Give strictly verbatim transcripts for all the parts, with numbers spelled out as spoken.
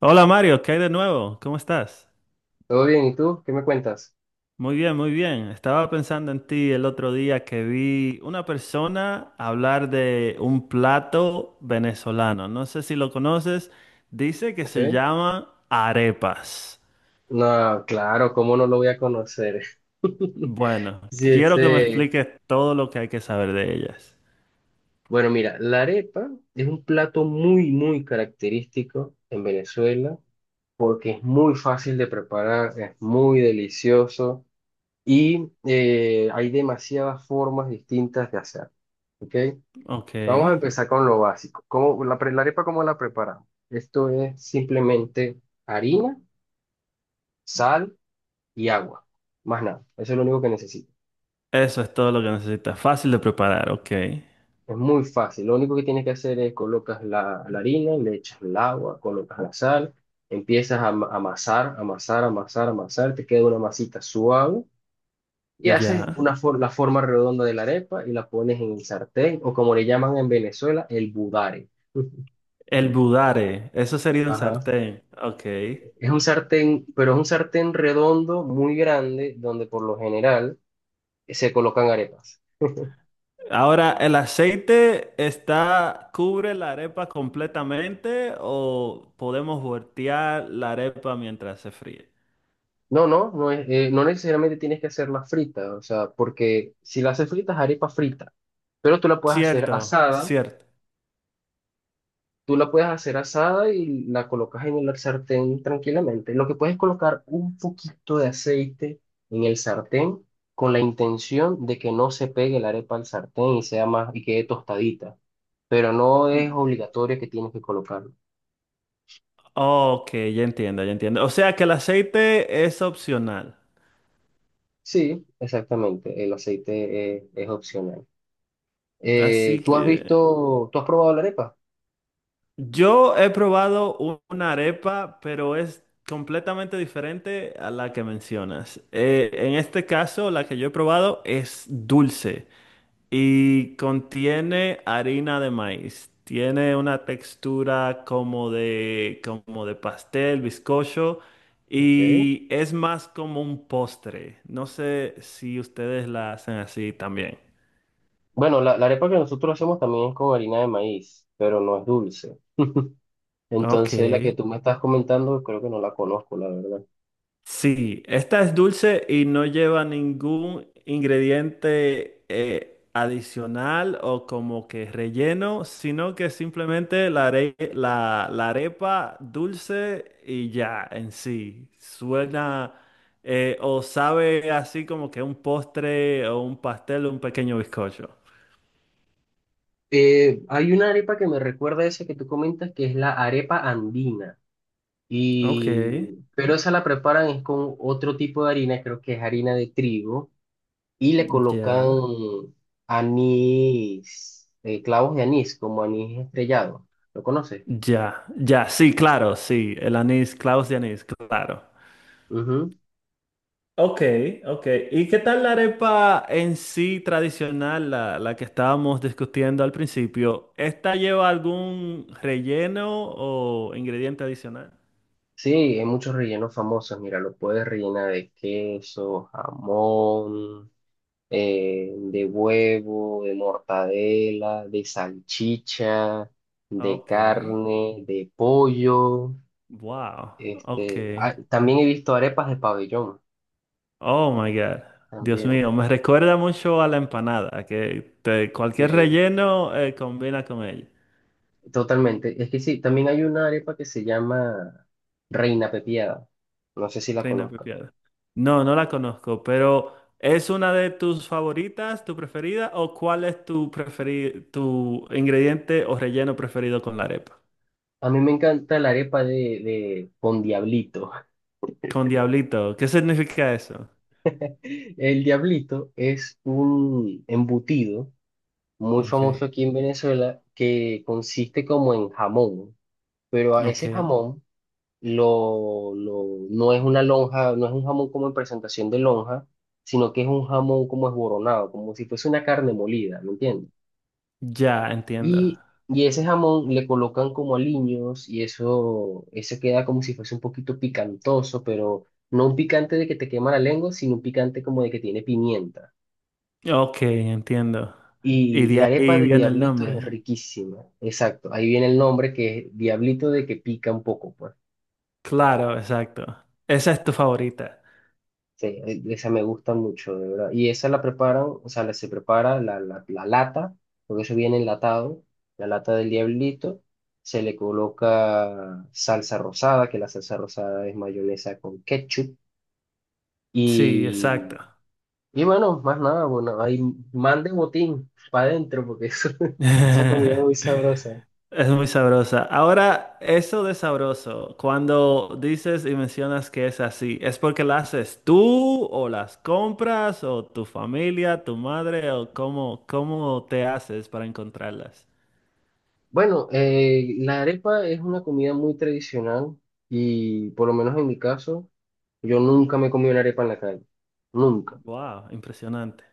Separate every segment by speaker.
Speaker 1: Hola Mario, ¿qué hay de nuevo? ¿Cómo estás?
Speaker 2: ¿Todo bien? ¿Y tú? ¿Qué me cuentas?
Speaker 1: Muy bien, muy bien. Estaba pensando en ti el otro día que vi una persona hablar de un plato venezolano. No sé si lo conoces. Dice que
Speaker 2: ¿Ok?
Speaker 1: se llama arepas.
Speaker 2: No, claro, ¿cómo no lo voy a conocer?
Speaker 1: Bueno,
Speaker 2: Sí,
Speaker 1: quiero que me
Speaker 2: ese...
Speaker 1: expliques todo lo que hay que saber de ellas.
Speaker 2: Bueno, mira, la arepa es un plato muy, muy característico en Venezuela porque es muy fácil de preparar, es muy delicioso y eh, hay demasiadas formas distintas de hacer. ¿Ok?
Speaker 1: Ok.
Speaker 2: Vamos a empezar con lo básico. ¿Cómo, la, pre- ¿la arepa, cómo la preparamos? Esto es simplemente harina, sal y agua. Más nada, eso es lo único que necesitas.
Speaker 1: Eso es todo lo que necesitas. Fácil de preparar, ok.
Speaker 2: Es muy fácil, lo único que tienes que hacer es colocas la, la harina, le echas el agua, colocas la sal, empiezas a ama- amasar, amasar, amasar, amasar, te queda una masita suave y haces
Speaker 1: Ya.
Speaker 2: una for- la forma redonda de la arepa y la pones en el sartén o como le llaman en Venezuela, el budare.
Speaker 1: El budare, eso sería un
Speaker 2: Ajá.
Speaker 1: sartén. Ok.
Speaker 2: Es un sartén, pero es un sartén redondo muy grande donde por lo general se colocan arepas.
Speaker 1: Ahora, ¿el aceite está, cubre la arepa completamente o podemos voltear la arepa mientras se fríe?
Speaker 2: No, no, no es, eh, no necesariamente tienes que hacerla frita, o sea, porque si la haces frita es arepa frita, pero tú la puedes hacer
Speaker 1: Cierto,
Speaker 2: asada,
Speaker 1: cierto.
Speaker 2: tú la puedes hacer asada y la colocas en el sartén tranquilamente. Lo que puedes es colocar un poquito de aceite en el sartén con la intención de que no se pegue la arepa al sartén y sea más y quede tostadita, pero no es obligatorio que tienes que colocarlo.
Speaker 1: Ok, ya entiendo, ya entiendo. O sea que el aceite es opcional.
Speaker 2: Sí, exactamente, el aceite es, es opcional.
Speaker 1: Así
Speaker 2: Eh, ¿tú has
Speaker 1: que
Speaker 2: visto, ¿tú has probado la arepa?
Speaker 1: yo he probado u- una arepa, pero es completamente diferente a la que mencionas. Eh, en este caso, la que yo he probado es dulce. Y contiene harina de maíz. Tiene una textura como de, como de pastel, bizcocho,
Speaker 2: Okay.
Speaker 1: y es más como un postre. No sé si ustedes la hacen así también.
Speaker 2: Bueno, la, la arepa que nosotros hacemos también es con harina de maíz, pero no es dulce.
Speaker 1: Ok.
Speaker 2: Entonces, la que tú me estás comentando, creo que no la conozco, la verdad.
Speaker 1: Sí, esta es dulce y no lleva ningún ingrediente eh, adicional o como que relleno, sino que simplemente la, are- la, la arepa dulce y ya en sí. Suena eh, o sabe así como que un postre o un pastel o un pequeño bizcocho.
Speaker 2: Eh, hay una arepa que me recuerda a esa que tú comentas, que es la arepa andina.
Speaker 1: Ok,
Speaker 2: Y, pero esa la preparan es con otro tipo de harina, creo que es harina de trigo, y le colocan
Speaker 1: ya,
Speaker 2: anís, eh, clavos de anís, como anís estrellado. ¿Lo conoces?
Speaker 1: ya, ya, sí, claro, sí, el anís, clavos de anís, claro. Ok, ok. ¿Y qué tal la arepa en sí tradicional, la, la que estábamos discutiendo al principio? ¿Esta lleva algún relleno o ingrediente adicional?
Speaker 2: Sí, hay muchos rellenos famosos. Mira, lo puedes rellenar de queso, jamón, eh, de huevo, de mortadela, de salchicha, de
Speaker 1: Ok.
Speaker 2: carne, de pollo.
Speaker 1: Wow.
Speaker 2: Este,
Speaker 1: Ok.
Speaker 2: ah, también he visto arepas de pabellón,
Speaker 1: Oh my God. Dios
Speaker 2: también.
Speaker 1: mío, me recuerda mucho a la empanada, que te- cualquier
Speaker 2: eh,
Speaker 1: relleno eh, combina con ella.
Speaker 2: Totalmente. Es que sí, también hay una arepa que se llama Reina Pepiada. No sé si la
Speaker 1: Reina
Speaker 2: conozcas.
Speaker 1: Pepiada. No, no la conozco, pero ¿es una de tus favoritas, tu preferida, o cuál es tu preferi- tu ingrediente o relleno preferido con la arepa?
Speaker 2: A mí me encanta la arepa de, de con diablito.
Speaker 1: Con diablito, ¿qué significa eso?
Speaker 2: El diablito es un embutido muy
Speaker 1: Ok,
Speaker 2: famoso aquí en Venezuela que consiste como en jamón, pero a ese
Speaker 1: ok.
Speaker 2: jamón lo, lo- no es una lonja, no es un jamón como en presentación de lonja, sino que es un jamón como esboronado, como si fuese una carne molida, ¿me entiendes?
Speaker 1: Ya entiendo.
Speaker 2: Y, y ese jamón le colocan como aliños y eso, eso queda como si fuese un poquito picantoso, pero no un picante de que te quema la lengua, sino un picante como de que tiene pimienta.
Speaker 1: Ok, entiendo. Y
Speaker 2: Y
Speaker 1: de
Speaker 2: la arepa
Speaker 1: ahí
Speaker 2: de
Speaker 1: viene el
Speaker 2: diablito
Speaker 1: nombre.
Speaker 2: es riquísima, exacto. Ahí viene el nombre que es diablito de que pica un poco, pues.
Speaker 1: Claro, exacto. Esa es tu favorita.
Speaker 2: Sí, e- esa me gusta mucho, de verdad. Y esa la preparan, o sea, la- se prepara la, la, la lata, porque eso viene enlatado, la lata del diablito. Se le coloca salsa rosada, que la salsa rosada es mayonesa con ketchup.
Speaker 1: Sí, exacto.
Speaker 2: Y, y bueno, más nada, bueno, ahí mande botín para adentro, porque eso, esa comida es muy sabrosa.
Speaker 1: Es muy sabrosa. Ahora, eso de sabroso, cuando dices y mencionas que es así, ¿es porque la haces tú o las compras o tu familia, tu madre o cómo, cómo te haces para encontrarlas?
Speaker 2: Bueno, eh, la arepa es una comida muy tradicional y por lo menos en mi caso, yo nunca me he comido una arepa en la calle, nunca,
Speaker 1: Wow, impresionante.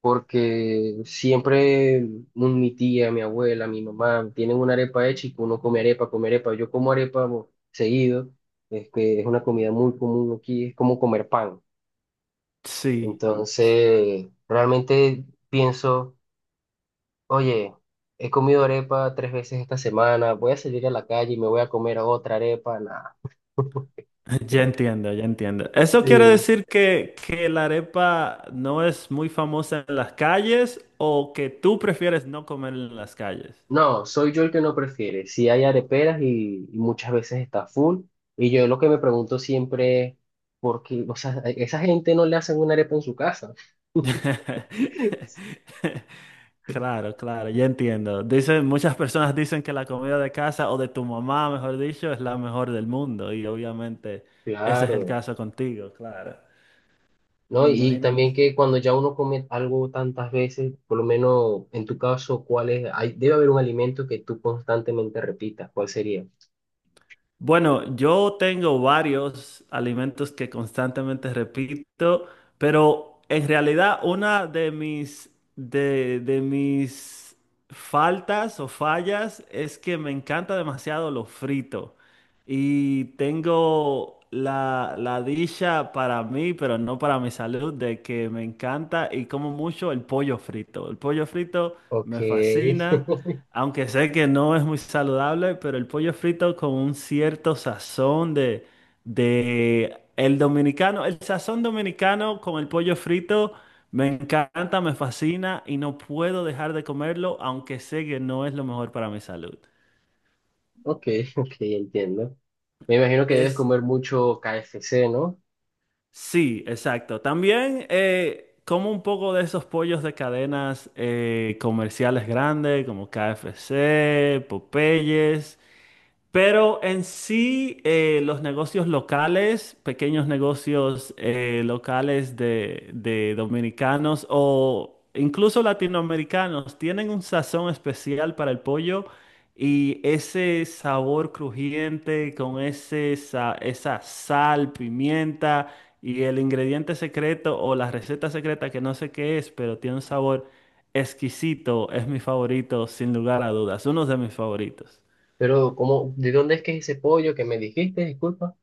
Speaker 2: porque siempre mm, mi tía, mi abuela, mi mamá tienen una arepa hecha y uno come arepa, come arepa, yo como arepa bo, seguido, es que es una comida muy común aquí, es como comer pan,
Speaker 1: Sí, es-
Speaker 2: entonces realmente pienso... Oye, he comido arepa tres veces esta semana, voy a salir a la calle y me voy a comer otra arepa, nada.
Speaker 1: ya entiendo, ya entiendo. Eso quiere
Speaker 2: Sí.
Speaker 1: decir que, que la arepa no es muy famosa en las calles o que tú prefieres no comer en las calles.
Speaker 2: No, soy yo el que no prefiere. Si hay areperas y, y muchas veces está full. Y yo lo que me pregunto siempre es, ¿por qué? O sea, a esa gente no le hacen una arepa en su casa.
Speaker 1: Claro, claro, ya entiendo. Dicen, muchas personas dicen que la comida de casa o de tu mamá, mejor dicho, es la mejor del mundo y obviamente ese es el
Speaker 2: Claro,
Speaker 1: caso contigo, claro.
Speaker 2: ¿no?
Speaker 1: Me
Speaker 2: Y, y
Speaker 1: imagino.
Speaker 2: también que cuando ya uno come algo tantas veces, por lo menos en tu caso, ¿cuál es? Hay, debe haber un alimento que tú constantemente repitas, ¿cuál sería?
Speaker 1: Bueno, yo tengo varios alimentos que constantemente repito, pero en realidad una de mis, de, de mis faltas o fallas es que me encanta demasiado lo frito. Y tengo la, la dicha para mí, pero no para mi salud, de que me encanta y como mucho el pollo frito. El pollo frito
Speaker 2: Ok,
Speaker 1: me fascina. Aunque sé que no es muy saludable, pero el pollo frito con un cierto sazón de, de el dominicano, el sazón dominicano con el pollo frito me encanta, me fascina y no puedo dejar de comerlo, aunque sé que no es lo mejor para mi salud.
Speaker 2: ok, ok, entiendo. Me imagino que debes
Speaker 1: Es,
Speaker 2: comer mucho K F C, ¿no?
Speaker 1: sí, exacto. También eh, como un poco de esos pollos de cadenas eh, comerciales grandes como K F C, Popeyes. Pero en sí, eh, los negocios locales, pequeños negocios eh, locales de, de dominicanos o incluso latinoamericanos, tienen un sazón especial para el pollo y ese sabor crujiente con ese, sa- esa sal, pimienta y el ingrediente secreto o la receta secreta que no sé qué es, pero tiene un sabor exquisito, es mi favorito, sin lugar a dudas, uno de mis favoritos.
Speaker 2: Pero, ¿cómo, de dónde es que es ese pollo que me dijiste? Disculpa.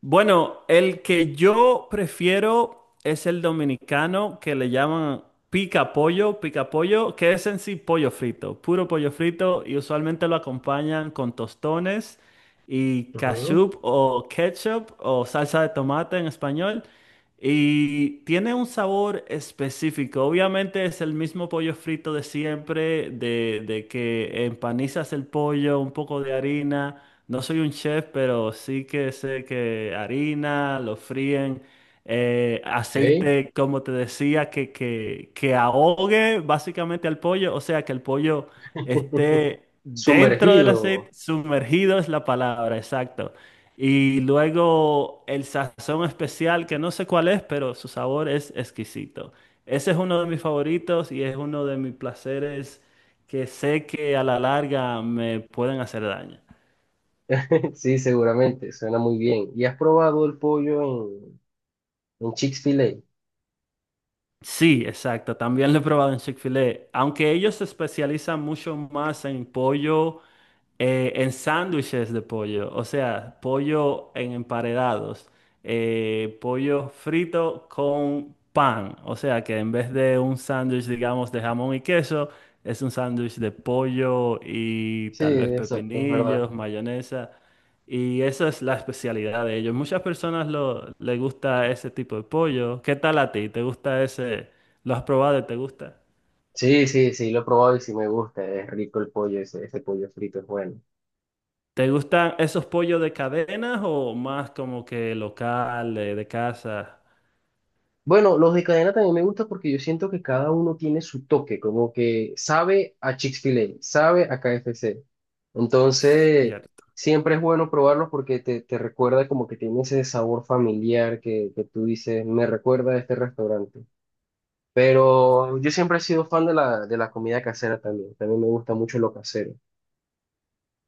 Speaker 1: Bueno, el que yo prefiero es el dominicano que le llaman pica pollo, pica pollo, que es en sí pollo frito, puro pollo frito y usualmente lo acompañan con tostones y
Speaker 2: Ujú.
Speaker 1: ketchup o ketchup o salsa de tomate en español. Y tiene un sabor específico. Obviamente es el mismo pollo frito de siempre, de, de que empanizas el pollo, un poco de harina. No soy un chef, pero sí que sé que harina, lo fríen, eh,
Speaker 2: Ok.
Speaker 1: aceite, como te decía, que, que, que ahogue básicamente al pollo. O sea, que el pollo esté dentro del
Speaker 2: Sumergido.
Speaker 1: aceite, sumergido es la palabra, exacto. Y luego el sazón especial, que no sé cuál es, pero su sabor es exquisito. Ese es uno de mis favoritos y es uno de mis placeres que sé que a la larga me pueden hacer daño.
Speaker 2: Sí, seguramente. Suena muy bien. ¿Y has probado el pollo en, en Chick-fil-A?
Speaker 1: Sí, exacto. También lo he probado en Chick-fil-A. Aunque ellos se especializan mucho más en pollo eh, en sándwiches de pollo, o sea, pollo en emparedados, eh, pollo frito con pan, o sea que en vez de un sándwich, digamos, de jamón y queso, es un sándwich de pollo y
Speaker 2: Sí,
Speaker 1: tal vez
Speaker 2: exacto, es verdad.
Speaker 1: pepinillos, mayonesa, y esa es la especialidad de ellos. Muchas personas lo, les gusta ese tipo de pollo. ¿Qué tal a ti? ¿Te gusta ese? ¿Lo has probado y te gusta?
Speaker 2: Sí, sí, sí, lo he probado y sí me gusta. Es rico el pollo, ese, ese pollo frito es bueno.
Speaker 1: ¿Te gustan esos pollos de cadenas o más como que locales, de casa?
Speaker 2: Bueno, los de cadena también me gusta porque yo siento que cada uno tiene su toque, como que sabe a Chick-fil-A, sabe a K F C. Entonces,
Speaker 1: Cierto.
Speaker 2: siempre es bueno probarlos porque te, te recuerda como que tiene ese sabor familiar que, que tú dices, me recuerda a este restaurante. Pero yo siempre he sido fan de la, de la comida casera también, también me gusta mucho lo casero.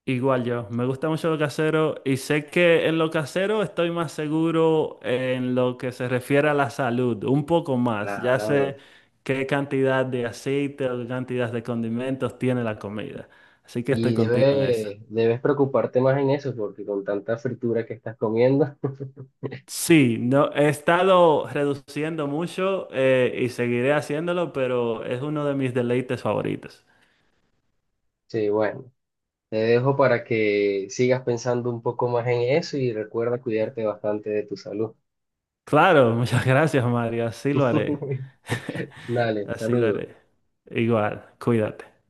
Speaker 1: Igual yo, me gusta mucho lo casero y sé que en lo casero estoy más seguro en lo que se refiere a la salud, un poco más. Ya sé
Speaker 2: Claro.
Speaker 1: qué cantidad de aceite o qué cantidad de condimentos tiene la comida. Así que
Speaker 2: Y
Speaker 1: estoy contigo en eso.
Speaker 2: debes, debes preocuparte más en eso porque con tanta fritura que estás comiendo,
Speaker 1: Sí, no, he estado reduciendo mucho eh, y seguiré haciéndolo, pero es uno de mis deleites favoritos.
Speaker 2: sí, bueno. Te dejo para que sigas pensando un poco más en eso y recuerda cuidarte bastante de tu salud.
Speaker 1: Claro, muchas gracias, Mario. Así lo haré.
Speaker 2: Dale,
Speaker 1: Así lo
Speaker 2: saludos.
Speaker 1: haré. Igual, cuídate.